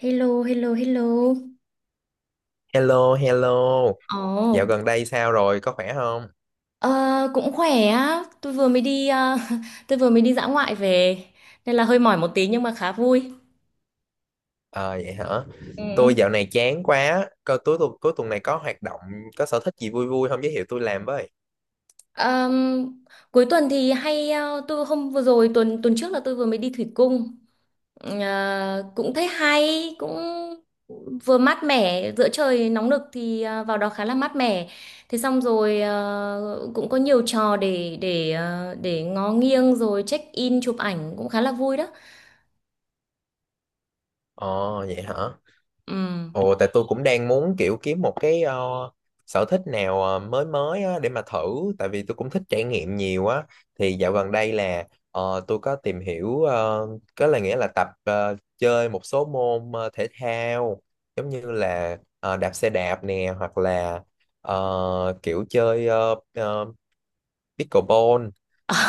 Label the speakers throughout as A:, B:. A: Hello, hello, hello.
B: Hello, hello. Dạo
A: Ồ,
B: gần đây sao rồi? Có khỏe không?
A: Ờ, cũng khỏe á. Tôi vừa mới đi tôi vừa mới đi dã ngoại về nên là hơi mỏi một tí nhưng mà khá vui.
B: Ờ vậy hả? Tôi
A: Ừ.
B: dạo này chán quá. Coi cuối tuần này có hoạt động, có sở thích gì vui vui không giới thiệu tôi làm với.
A: Ờm, Cuối tuần thì hay tôi hôm vừa rồi tuần tuần trước là tôi vừa mới đi thủy cung. Ờ, Cũng thấy hay, cũng vừa mát mẻ, giữa trời nóng nực thì vào đó khá là mát mẻ. Thế xong rồi cũng có nhiều trò để ngó nghiêng rồi check in chụp ảnh cũng khá là vui đó.
B: Ồ vậy hả?
A: Ừ.
B: Ồ, tại tôi cũng đang muốn kiểu kiếm một cái sở thích nào mới mới á, để mà thử tại vì tôi cũng thích trải nghiệm nhiều á. Thì dạo gần đây là tôi có tìm hiểu có là nghĩa là tập chơi một số môn thể thao, giống như là đạp xe đạp nè, hoặc là kiểu chơi pickleball.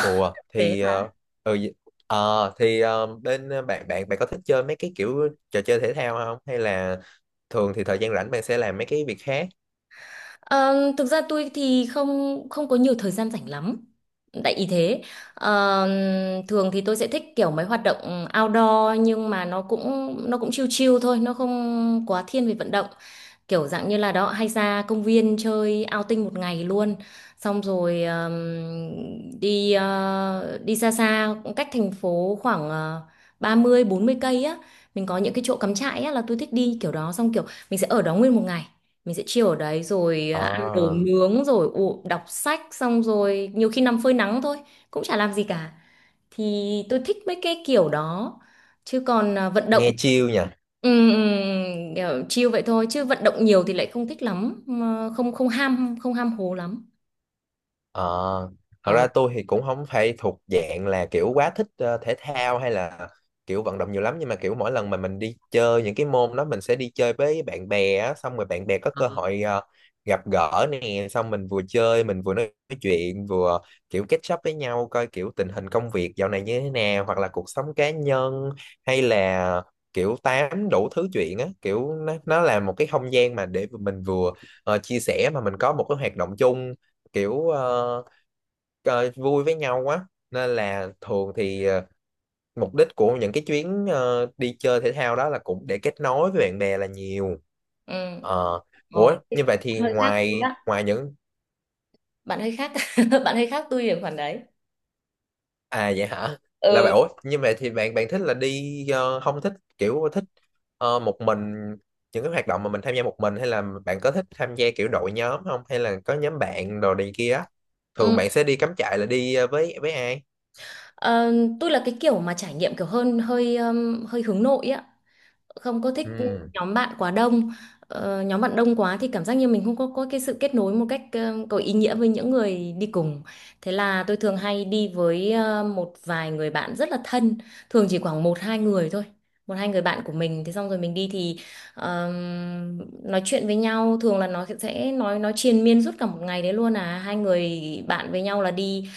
B: Ủa
A: Thế
B: thì
A: hả?
B: ừ, thì bên bạn bạn bạn có thích chơi mấy cái kiểu trò chơi thể thao không, hay là thường thì thời gian rảnh bạn sẽ làm mấy cái việc khác?
A: Thực ra tôi thì không không có nhiều thời gian rảnh lắm. Tại ý thế, Ờm, thường thì tôi sẽ thích kiểu mấy hoạt động outdoor nhưng mà nó cũng chill chill thôi, nó không quá thiên về vận động. Kiểu dạng như là đó hay ra công viên chơi outing một ngày luôn. Xong rồi đi đi xa xa cách thành phố khoảng 30 40 cây á, mình có những cái chỗ cắm trại á, là tôi thích đi kiểu đó, xong kiểu mình sẽ ở đó nguyên một ngày, mình sẽ chill ở đấy rồi ăn đồ
B: Ờ,
A: nướng rồi u đọc sách, xong rồi nhiều khi nằm phơi nắng thôi, cũng chả làm gì cả. Thì tôi thích mấy cái kiểu đó, chứ còn à, vận động.
B: nghe chill nhỉ.
A: Ừ, ừ, kiểu chill vậy thôi chứ vận động nhiều thì lại không thích lắm, mà không không ham hố lắm.
B: Ờ, thật
A: Ờ.
B: ra tôi thì cũng không phải thuộc dạng là kiểu quá thích thể thao hay là kiểu vận động nhiều lắm, nhưng mà kiểu mỗi lần mà mình đi chơi những cái môn đó mình sẽ đi chơi với bạn bè á, xong rồi bạn bè có cơ hội gặp gỡ nè, xong mình vừa chơi mình vừa nói chuyện, vừa kiểu catch up với nhau, coi kiểu tình hình công việc dạo này như thế nào, hoặc là cuộc sống cá nhân, hay là kiểu tám đủ thứ chuyện á. Kiểu nó là một cái không gian mà để mình vừa chia sẻ mà mình có một cái hoạt động chung, kiểu vui với nhau quá, nên là thường thì mục đích của những cái chuyến đi chơi thể thao đó là cũng để kết nối với bạn bè là nhiều.
A: Ừ.
B: Ờ, ủa
A: Ờ. Bạn
B: như vậy thì
A: hơi khác tôi
B: ngoài
A: á,
B: ngoài những
A: bạn hơi khác bạn hơi khác tôi ở khoản đấy.
B: à vậy hả, là
A: Ừ,
B: bạn ủa như vậy thì bạn bạn thích là đi không thích kiểu thích một mình, những cái hoạt động mà mình tham gia một mình, hay là bạn có thích tham gia kiểu đội nhóm không, hay là có nhóm bạn đồ này kia á?
A: ừ.
B: Thường bạn sẽ đi cắm trại là đi với ai?
A: Ờ, tôi là cái kiểu mà trải nghiệm kiểu hơn hơi hơi hướng nội á, không có thích
B: Ừ.
A: nhóm bạn quá đông. Nhóm bạn đông quá thì cảm giác như mình không có cái sự kết nối một cách có ý nghĩa với những người đi cùng. Thế là tôi thường hay đi với một vài người bạn rất là thân, thường chỉ khoảng một hai người thôi, một hai người bạn của mình. Thế xong rồi mình đi thì nói chuyện với nhau, thường là nó sẽ nói triền miên suốt cả một ngày đấy luôn à, hai người bạn với nhau là đi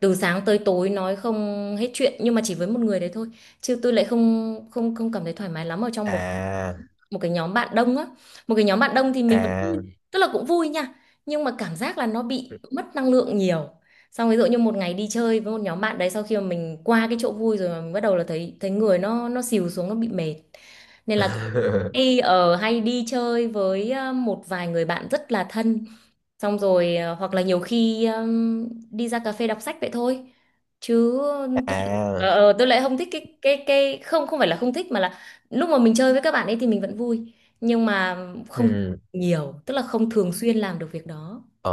A: từ sáng tới tối nói không hết chuyện, nhưng mà chỉ với một người đấy thôi. Chứ tôi lại không không không cảm thấy thoải mái lắm ở trong một
B: À.
A: một cái nhóm bạn đông á. Một cái nhóm bạn đông thì mình vẫn,
B: À.
A: tức là cũng vui nha, nhưng mà cảm giác là nó bị mất năng lượng nhiều. Xong ví dụ như một ngày đi chơi với một nhóm bạn đấy, sau khi mà mình qua cái chỗ vui rồi mà mình bắt đầu là thấy thấy người nó xìu xuống, nó bị mệt. Nên là hay ở hay đi chơi với một vài người bạn rất là thân, xong rồi hoặc là nhiều khi đi ra cà phê đọc sách vậy thôi. Chứ tôi lại-
B: À.
A: tôi lại không thích cái không không phải là không thích mà là lúc mà mình chơi với các bạn ấy thì mình vẫn vui, nhưng mà không
B: Ừ.
A: nhiều, tức là không thường xuyên làm được việc đó.
B: Ờ,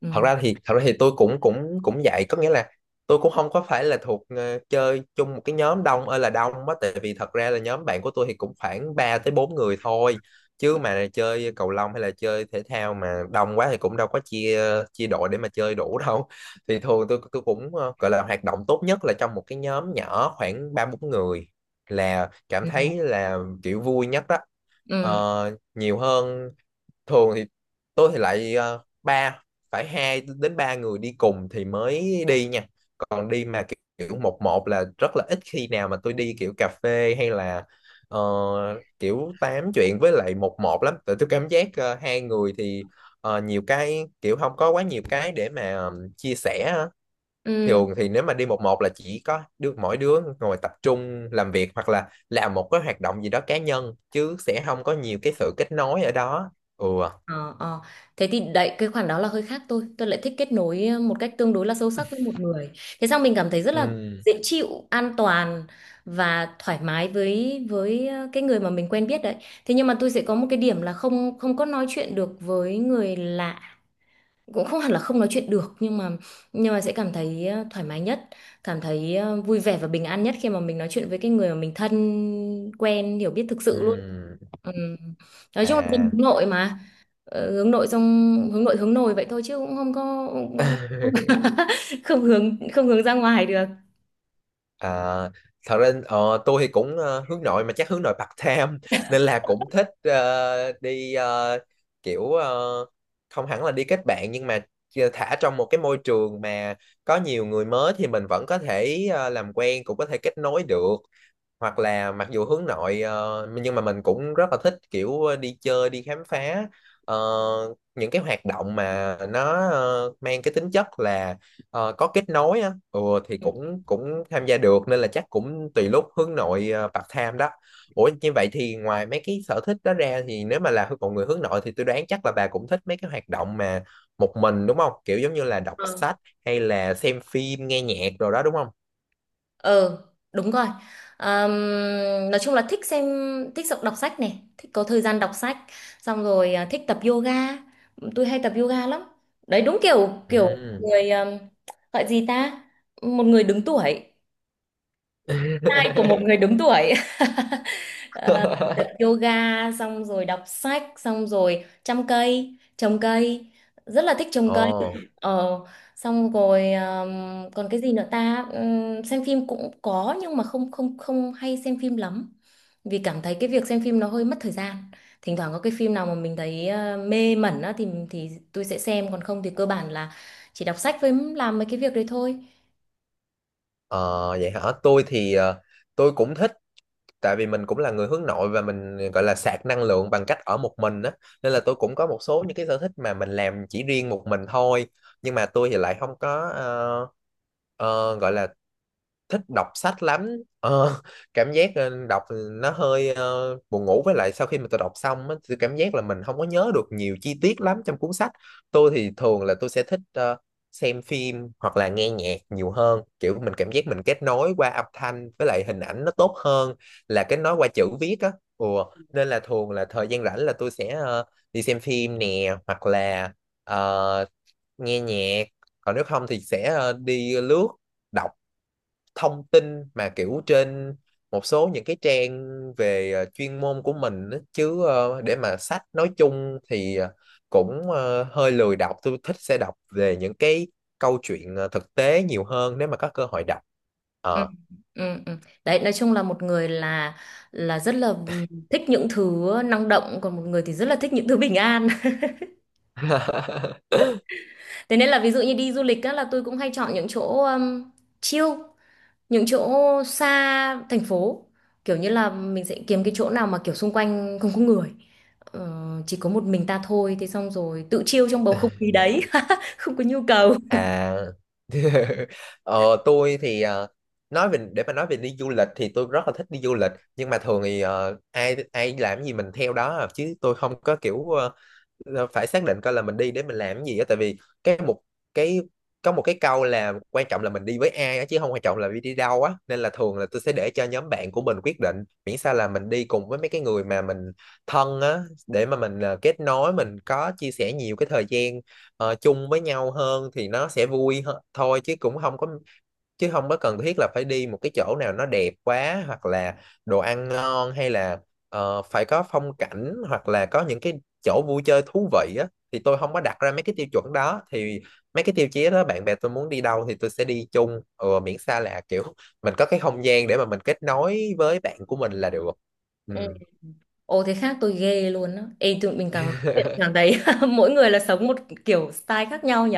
A: Ừ.
B: thật ra thì tôi cũng cũng cũng vậy có nghĩa là tôi cũng không có phải là thuộc chơi chung một cái nhóm đông ơi là đông á, tại vì thật ra là nhóm bạn của tôi thì cũng khoảng 3 tới 4 người thôi, chứ mà chơi cầu lông hay là chơi thể thao mà đông quá thì cũng đâu có chia chia đội để mà chơi đủ đâu. Thì thường tôi cũng gọi là hoạt động tốt nhất là trong một cái nhóm nhỏ khoảng ba bốn người là cảm thấy
A: Ừ.
B: là kiểu vui nhất đó. Ờ,
A: Ừ,
B: nhiều hơn thường thì tôi thì lại phải hai đến ba người đi cùng thì mới đi nha, còn đi mà kiểu kiểu một một là rất là ít khi nào mà tôi đi kiểu cà phê, hay là ờ, kiểu tám chuyện với lại một một lắm, tại tôi cảm giác hai người thì nhiều cái kiểu không có quá nhiều cái để mà chia sẻ á.
A: ừ.
B: Thường thì nếu mà đi một một là chỉ có đứa mỗi đứa ngồi tập trung làm việc, hoặc là làm một cái hoạt động gì đó cá nhân, chứ sẽ không có nhiều cái sự kết nối ở đó. Ừ.
A: Ờ, ờ. Thế thì đấy, cái khoản đó là hơi khác tôi. Tôi lại thích kết nối một cách tương đối là sâu sắc với một người, thế sao mình cảm thấy rất là
B: Ừ.
A: dễ chịu, an toàn và thoải mái với cái người mà mình quen biết đấy. Thế nhưng mà tôi sẽ có một cái điểm là không không có nói chuyện được với người lạ, cũng không hẳn là không nói chuyện được, nhưng mà sẽ cảm thấy thoải mái nhất, cảm thấy vui vẻ và bình an nhất khi mà mình nói chuyện với cái người mà mình thân quen hiểu biết thực sự luôn.
B: Ừ.
A: Ừ. Nói chung là dân
B: À.
A: hướng nội mà. Hướng nội xong hướng nội hướng nồi vậy thôi chứ cũng không có không hướng ra ngoài được.
B: À, thật ra tôi thì cũng hướng nội mà chắc hướng nội part time. Nên là cũng thích đi kiểu không hẳn là đi kết bạn, nhưng mà thả trong một cái môi trường mà có nhiều người mới thì mình vẫn có thể làm quen, cũng có thể kết nối được, hoặc là mặc dù hướng nội nhưng mà mình cũng rất là thích kiểu đi chơi đi khám phá ờ, những cái hoạt động mà nó mang cái tính chất là có kết nối á, ừ, thì cũng cũng tham gia được, nên là chắc cũng tùy lúc hướng nội part time đó. Ủa như vậy thì ngoài mấy cái sở thích đó ra thì nếu mà là một người hướng nội thì tôi đoán chắc là bà cũng thích mấy cái hoạt động mà một mình đúng không? Kiểu giống như là đọc
A: Ờ.
B: sách, hay là xem phim, nghe nhạc rồi đó đúng không?
A: Ờ đúng rồi. Ờm, nói chung là thích xem, thích đọc đọc sách này, thích có thời gian đọc sách, xong rồi à, thích tập yoga, tôi hay tập yoga lắm. Đấy đúng kiểu kiểu
B: Ừ.
A: người gọi gì ta, một người đứng tuổi, tai của một người đứng tuổi Ờ, tập yoga xong rồi đọc sách xong rồi chăm cây trồng cây, rất là thích trồng cây.
B: Ồ,
A: ờ xong rồi còn cái gì nữa ta? Xem phim cũng có nhưng mà không không không hay xem phim lắm, vì cảm thấy cái việc xem phim nó hơi mất thời gian. Thỉnh thoảng có cái phim nào mà mình thấy mê mẩn á thì tôi sẽ xem, còn không thì cơ bản là chỉ đọc sách với làm mấy cái việc đấy thôi.
B: ờ, vậy hả? Tôi thì tôi cũng thích tại vì mình cũng là người hướng nội và mình gọi là sạc năng lượng bằng cách ở một mình á, nên là tôi cũng có một số những cái sở thích mà mình làm chỉ riêng một mình thôi, nhưng mà tôi thì lại không có gọi là thích đọc sách lắm. ờ, Cảm giác đọc nó hơi buồn ngủ, với lại sau khi mà tôi đọc xong á, tôi cảm giác là mình không có nhớ được nhiều chi tiết lắm trong cuốn sách. Tôi thì thường là tôi sẽ thích xem phim hoặc là nghe nhạc nhiều hơn, kiểu mình cảm giác mình kết nối qua âm thanh với lại hình ảnh nó tốt hơn là kết nối qua chữ viết á. Ủa, nên là thường là thời gian rảnh là tôi sẽ đi xem phim nè, hoặc là ờ, nghe nhạc, còn nếu không thì sẽ đi lướt đọc thông tin mà kiểu trên một số những cái trang về chuyên môn của mình á. Chứ để mà sách nói chung thì cũng hơi lười đọc. Tôi thích sẽ đọc về những cái câu chuyện thực tế nhiều hơn nếu mà có cơ hội đọc.
A: Ừ,
B: Ờ.
A: ừ, ừ. Đấy, nói chung là một người là rất là thích những thứ năng động, còn một người thì rất là thích những thứ bình an thế nên là ví dụ như đi du lịch á, là tôi cũng hay chọn những chỗ chill, những chỗ xa thành phố, kiểu như là mình sẽ kiếm cái chỗ nào mà kiểu xung quanh không có người. Ờ, chỉ có một mình ta thôi, thế xong rồi tự chill trong bầu không khí đấy không có nhu cầu.
B: À, ờ, tôi thì nói về đi du lịch thì tôi rất là thích đi du lịch, nhưng mà thường thì ai ai làm gì mình theo đó à. Chứ tôi không có kiểu là phải xác định coi là mình đi để mình làm cái gì á, tại vì cái một cái có một cái câu là quan trọng là mình đi với ai á, chứ không quan trọng là đi đi đâu á, nên là thường là tôi sẽ để cho nhóm bạn của mình quyết định, miễn sao là mình đi cùng với mấy cái người mà mình thân á, để mà mình kết nối, mình có chia sẻ nhiều cái thời gian chung với nhau hơn thì nó sẽ vui hơn thôi, chứ cũng không có cần thiết là phải đi một cái chỗ nào nó đẹp quá, hoặc là đồ ăn ngon, hay là phải có phong cảnh, hoặc là có những cái chỗ vui chơi thú vị á. Thì tôi không có đặt ra mấy cái tiêu chuẩn đó, thì mấy cái tiêu chí đó bạn bè tôi muốn đi đâu thì tôi sẽ đi chung, ừ, miễn sao là kiểu mình có cái không gian để mà mình kết nối với bạn của mình là được. Ừ.
A: Ừ. Ồ, thế khác tôi ghê luôn á. Ê, tụi mình càng nói chuyện càng thấy mỗi người là sống một kiểu style khác nhau nhỉ.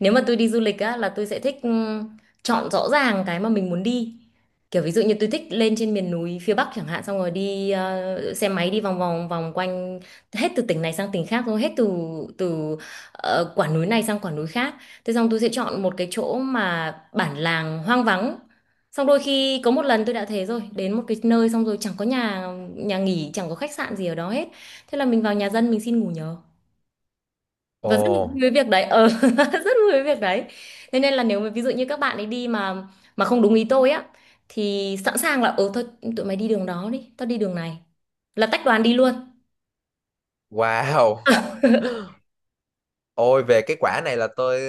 A: Nếu mà tôi đi du lịch á là tôi sẽ thích chọn rõ ràng cái mà mình muốn đi, kiểu ví dụ như tôi thích lên trên miền núi phía Bắc chẳng hạn, xong rồi đi xe máy đi vòng vòng vòng quanh hết từ tỉnh này sang tỉnh khác, rồi hết từ từ quả núi này sang quả núi khác. Thế xong tôi sẽ chọn một cái chỗ mà bản làng hoang vắng, xong đôi khi có một lần tôi đã thế, rồi đến một cái nơi xong rồi chẳng có nhà nhà nghỉ, chẳng có khách sạn gì ở đó hết. Thế là mình vào nhà dân mình xin ngủ nhờ và rất
B: Ồ,
A: vui với việc đấy. Ờ rất vui với việc đấy. Thế nên là nếu mà ví dụ như các bạn ấy đi mà không đúng ý tôi á thì sẵn sàng là ừ thôi, tụi mày đi đường đó đi, tao đi đường này, là tách đoàn đi luôn.
B: wow. Ôi về cái quả này là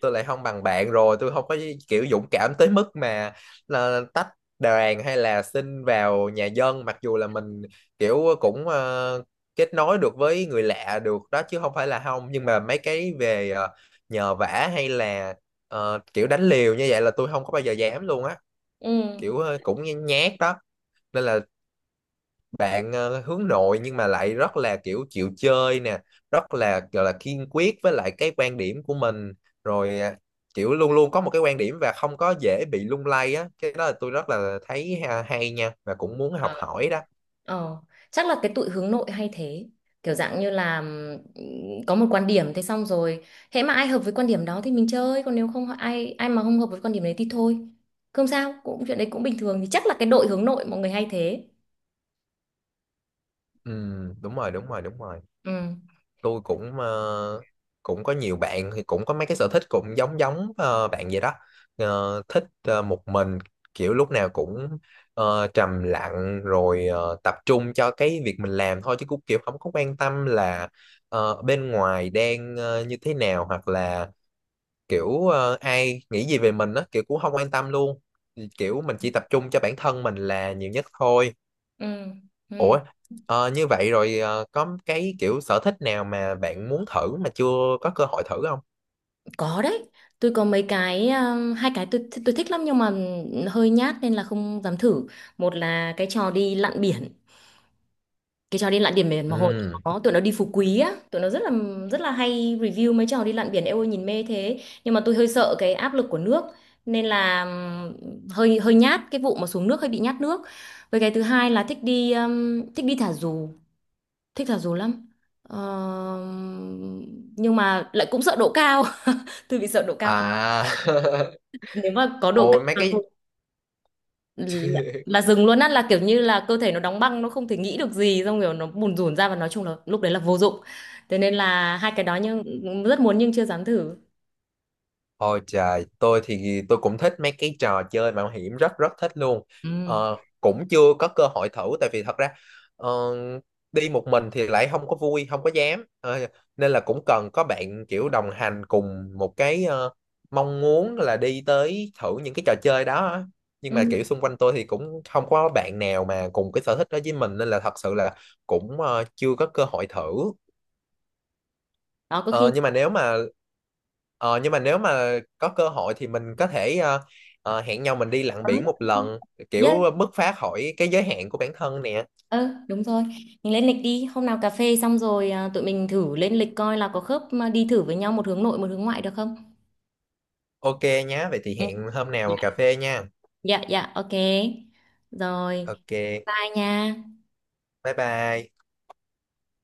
B: tôi lại không bằng bạn rồi, tôi không có kiểu dũng cảm tới mức mà là tách đoàn, hay là xin vào nhà dân, mặc dù là mình kiểu cũng kết nối được với người lạ được đó, chứ không phải là không, nhưng mà mấy cái về nhờ vả, hay là kiểu đánh liều như vậy là tôi không có bao giờ dám luôn á,
A: Ừ.
B: kiểu cũng nhát đó. Nên là bạn hướng nội nhưng mà lại rất là kiểu chịu chơi nè, rất là gọi là kiên quyết với lại cái quan điểm của mình rồi, kiểu luôn luôn có một cái quan điểm và không có dễ bị lung lay á, cái đó là tôi rất là thấy hay nha, và cũng muốn học
A: Ờ,
B: hỏi đó.
A: ờ. Chắc là cái tụi hướng nội hay thế, kiểu dạng như là có một quan điểm, thế xong rồi hễ mà ai hợp với quan điểm đó thì mình chơi, còn nếu không, ai ai mà không hợp với quan điểm đấy thì thôi, không sao, cũng chuyện đấy cũng bình thường. Thì chắc là cái đội hướng nội mọi người hay thế.
B: Ừ, đúng rồi, đúng rồi, đúng rồi.
A: Ừ.
B: Tôi cũng cũng có nhiều bạn thì cũng có mấy cái sở thích cũng giống giống bạn vậy đó. Ờ, thích một mình, kiểu lúc nào cũng trầm lặng rồi tập trung cho cái việc mình làm thôi, chứ cũng kiểu không có quan tâm là bên ngoài đang như thế nào, hoặc là kiểu ai nghĩ gì về mình á, kiểu cũng không quan tâm luôn. Thì kiểu mình chỉ tập trung cho bản thân mình là nhiều nhất thôi.
A: Ừ. Ừ.
B: Ủa, như vậy rồi có cái kiểu sở thích nào mà bạn muốn thử mà chưa có cơ hội thử không?
A: Có đấy, tôi có mấy cái hai cái tôi thích lắm nhưng mà hơi nhát nên là không dám thử. Một là cái trò đi lặn biển. Cái trò đi lặn biển biển mà hồi tụi
B: Ừ.
A: nó tụi nó đi Phú Quý á, tụi nó rất là hay review mấy trò đi lặn biển. Eo ơi nhìn mê thế, nhưng mà tôi hơi sợ cái áp lực của nước, nên là hơi hơi nhát cái vụ mà xuống nước, hơi bị nhát nước. Với cái thứ hai là thích đi thả dù, thích thả dù lắm. Ờ, nhưng mà lại cũng sợ độ cao, tôi bị sợ độ cao.
B: À,
A: Nếu mà có độ cao
B: ôi mấy
A: là
B: cái
A: thôi, là, là dừng luôn á, là kiểu như là cơ thể nó đóng băng, nó không thể nghĩ được gì, xong kiểu nó bùn rủn ra, và nói chung là lúc đấy là vô dụng. Thế nên là hai cái đó, nhưng rất muốn, nhưng chưa dám thử.
B: Ôi trời, tôi thì tôi cũng thích mấy cái trò chơi mạo hiểm, rất rất thích luôn.
A: Ừ.
B: Ờ, cũng chưa có cơ hội thử tại vì thật ra ờ, đi một mình thì lại không có vui, không có dám. Ờ, nên là cũng cần có bạn kiểu đồng hành cùng một cái mong muốn là đi tới thử những cái trò chơi đó á. Nhưng mà
A: Ừ.
B: kiểu xung quanh tôi thì cũng không có bạn nào mà cùng cái sở thích đó với mình, nên là thật sự là cũng chưa có cơ hội thử.
A: Đó có
B: Ờ,
A: khi.
B: nhưng mà nếu mà có cơ hội thì mình có thể hẹn nhau mình đi lặn biển một lần,
A: Yes.
B: kiểu bứt phá khỏi cái giới hạn của bản thân nè.
A: Ờ đúng rồi, mình lên lịch đi. Hôm nào cà phê xong rồi à, tụi mình thử lên lịch coi là có khớp mà đi thử với nhau, một hướng nội một hướng ngoại được không?
B: Ok nhá, vậy thì
A: Ừ.
B: hẹn hôm
A: Dạ.
B: nào cà phê nha.
A: Dạ, dạ, ok. Rồi.
B: Ok,
A: Bye nha.
B: bye bye.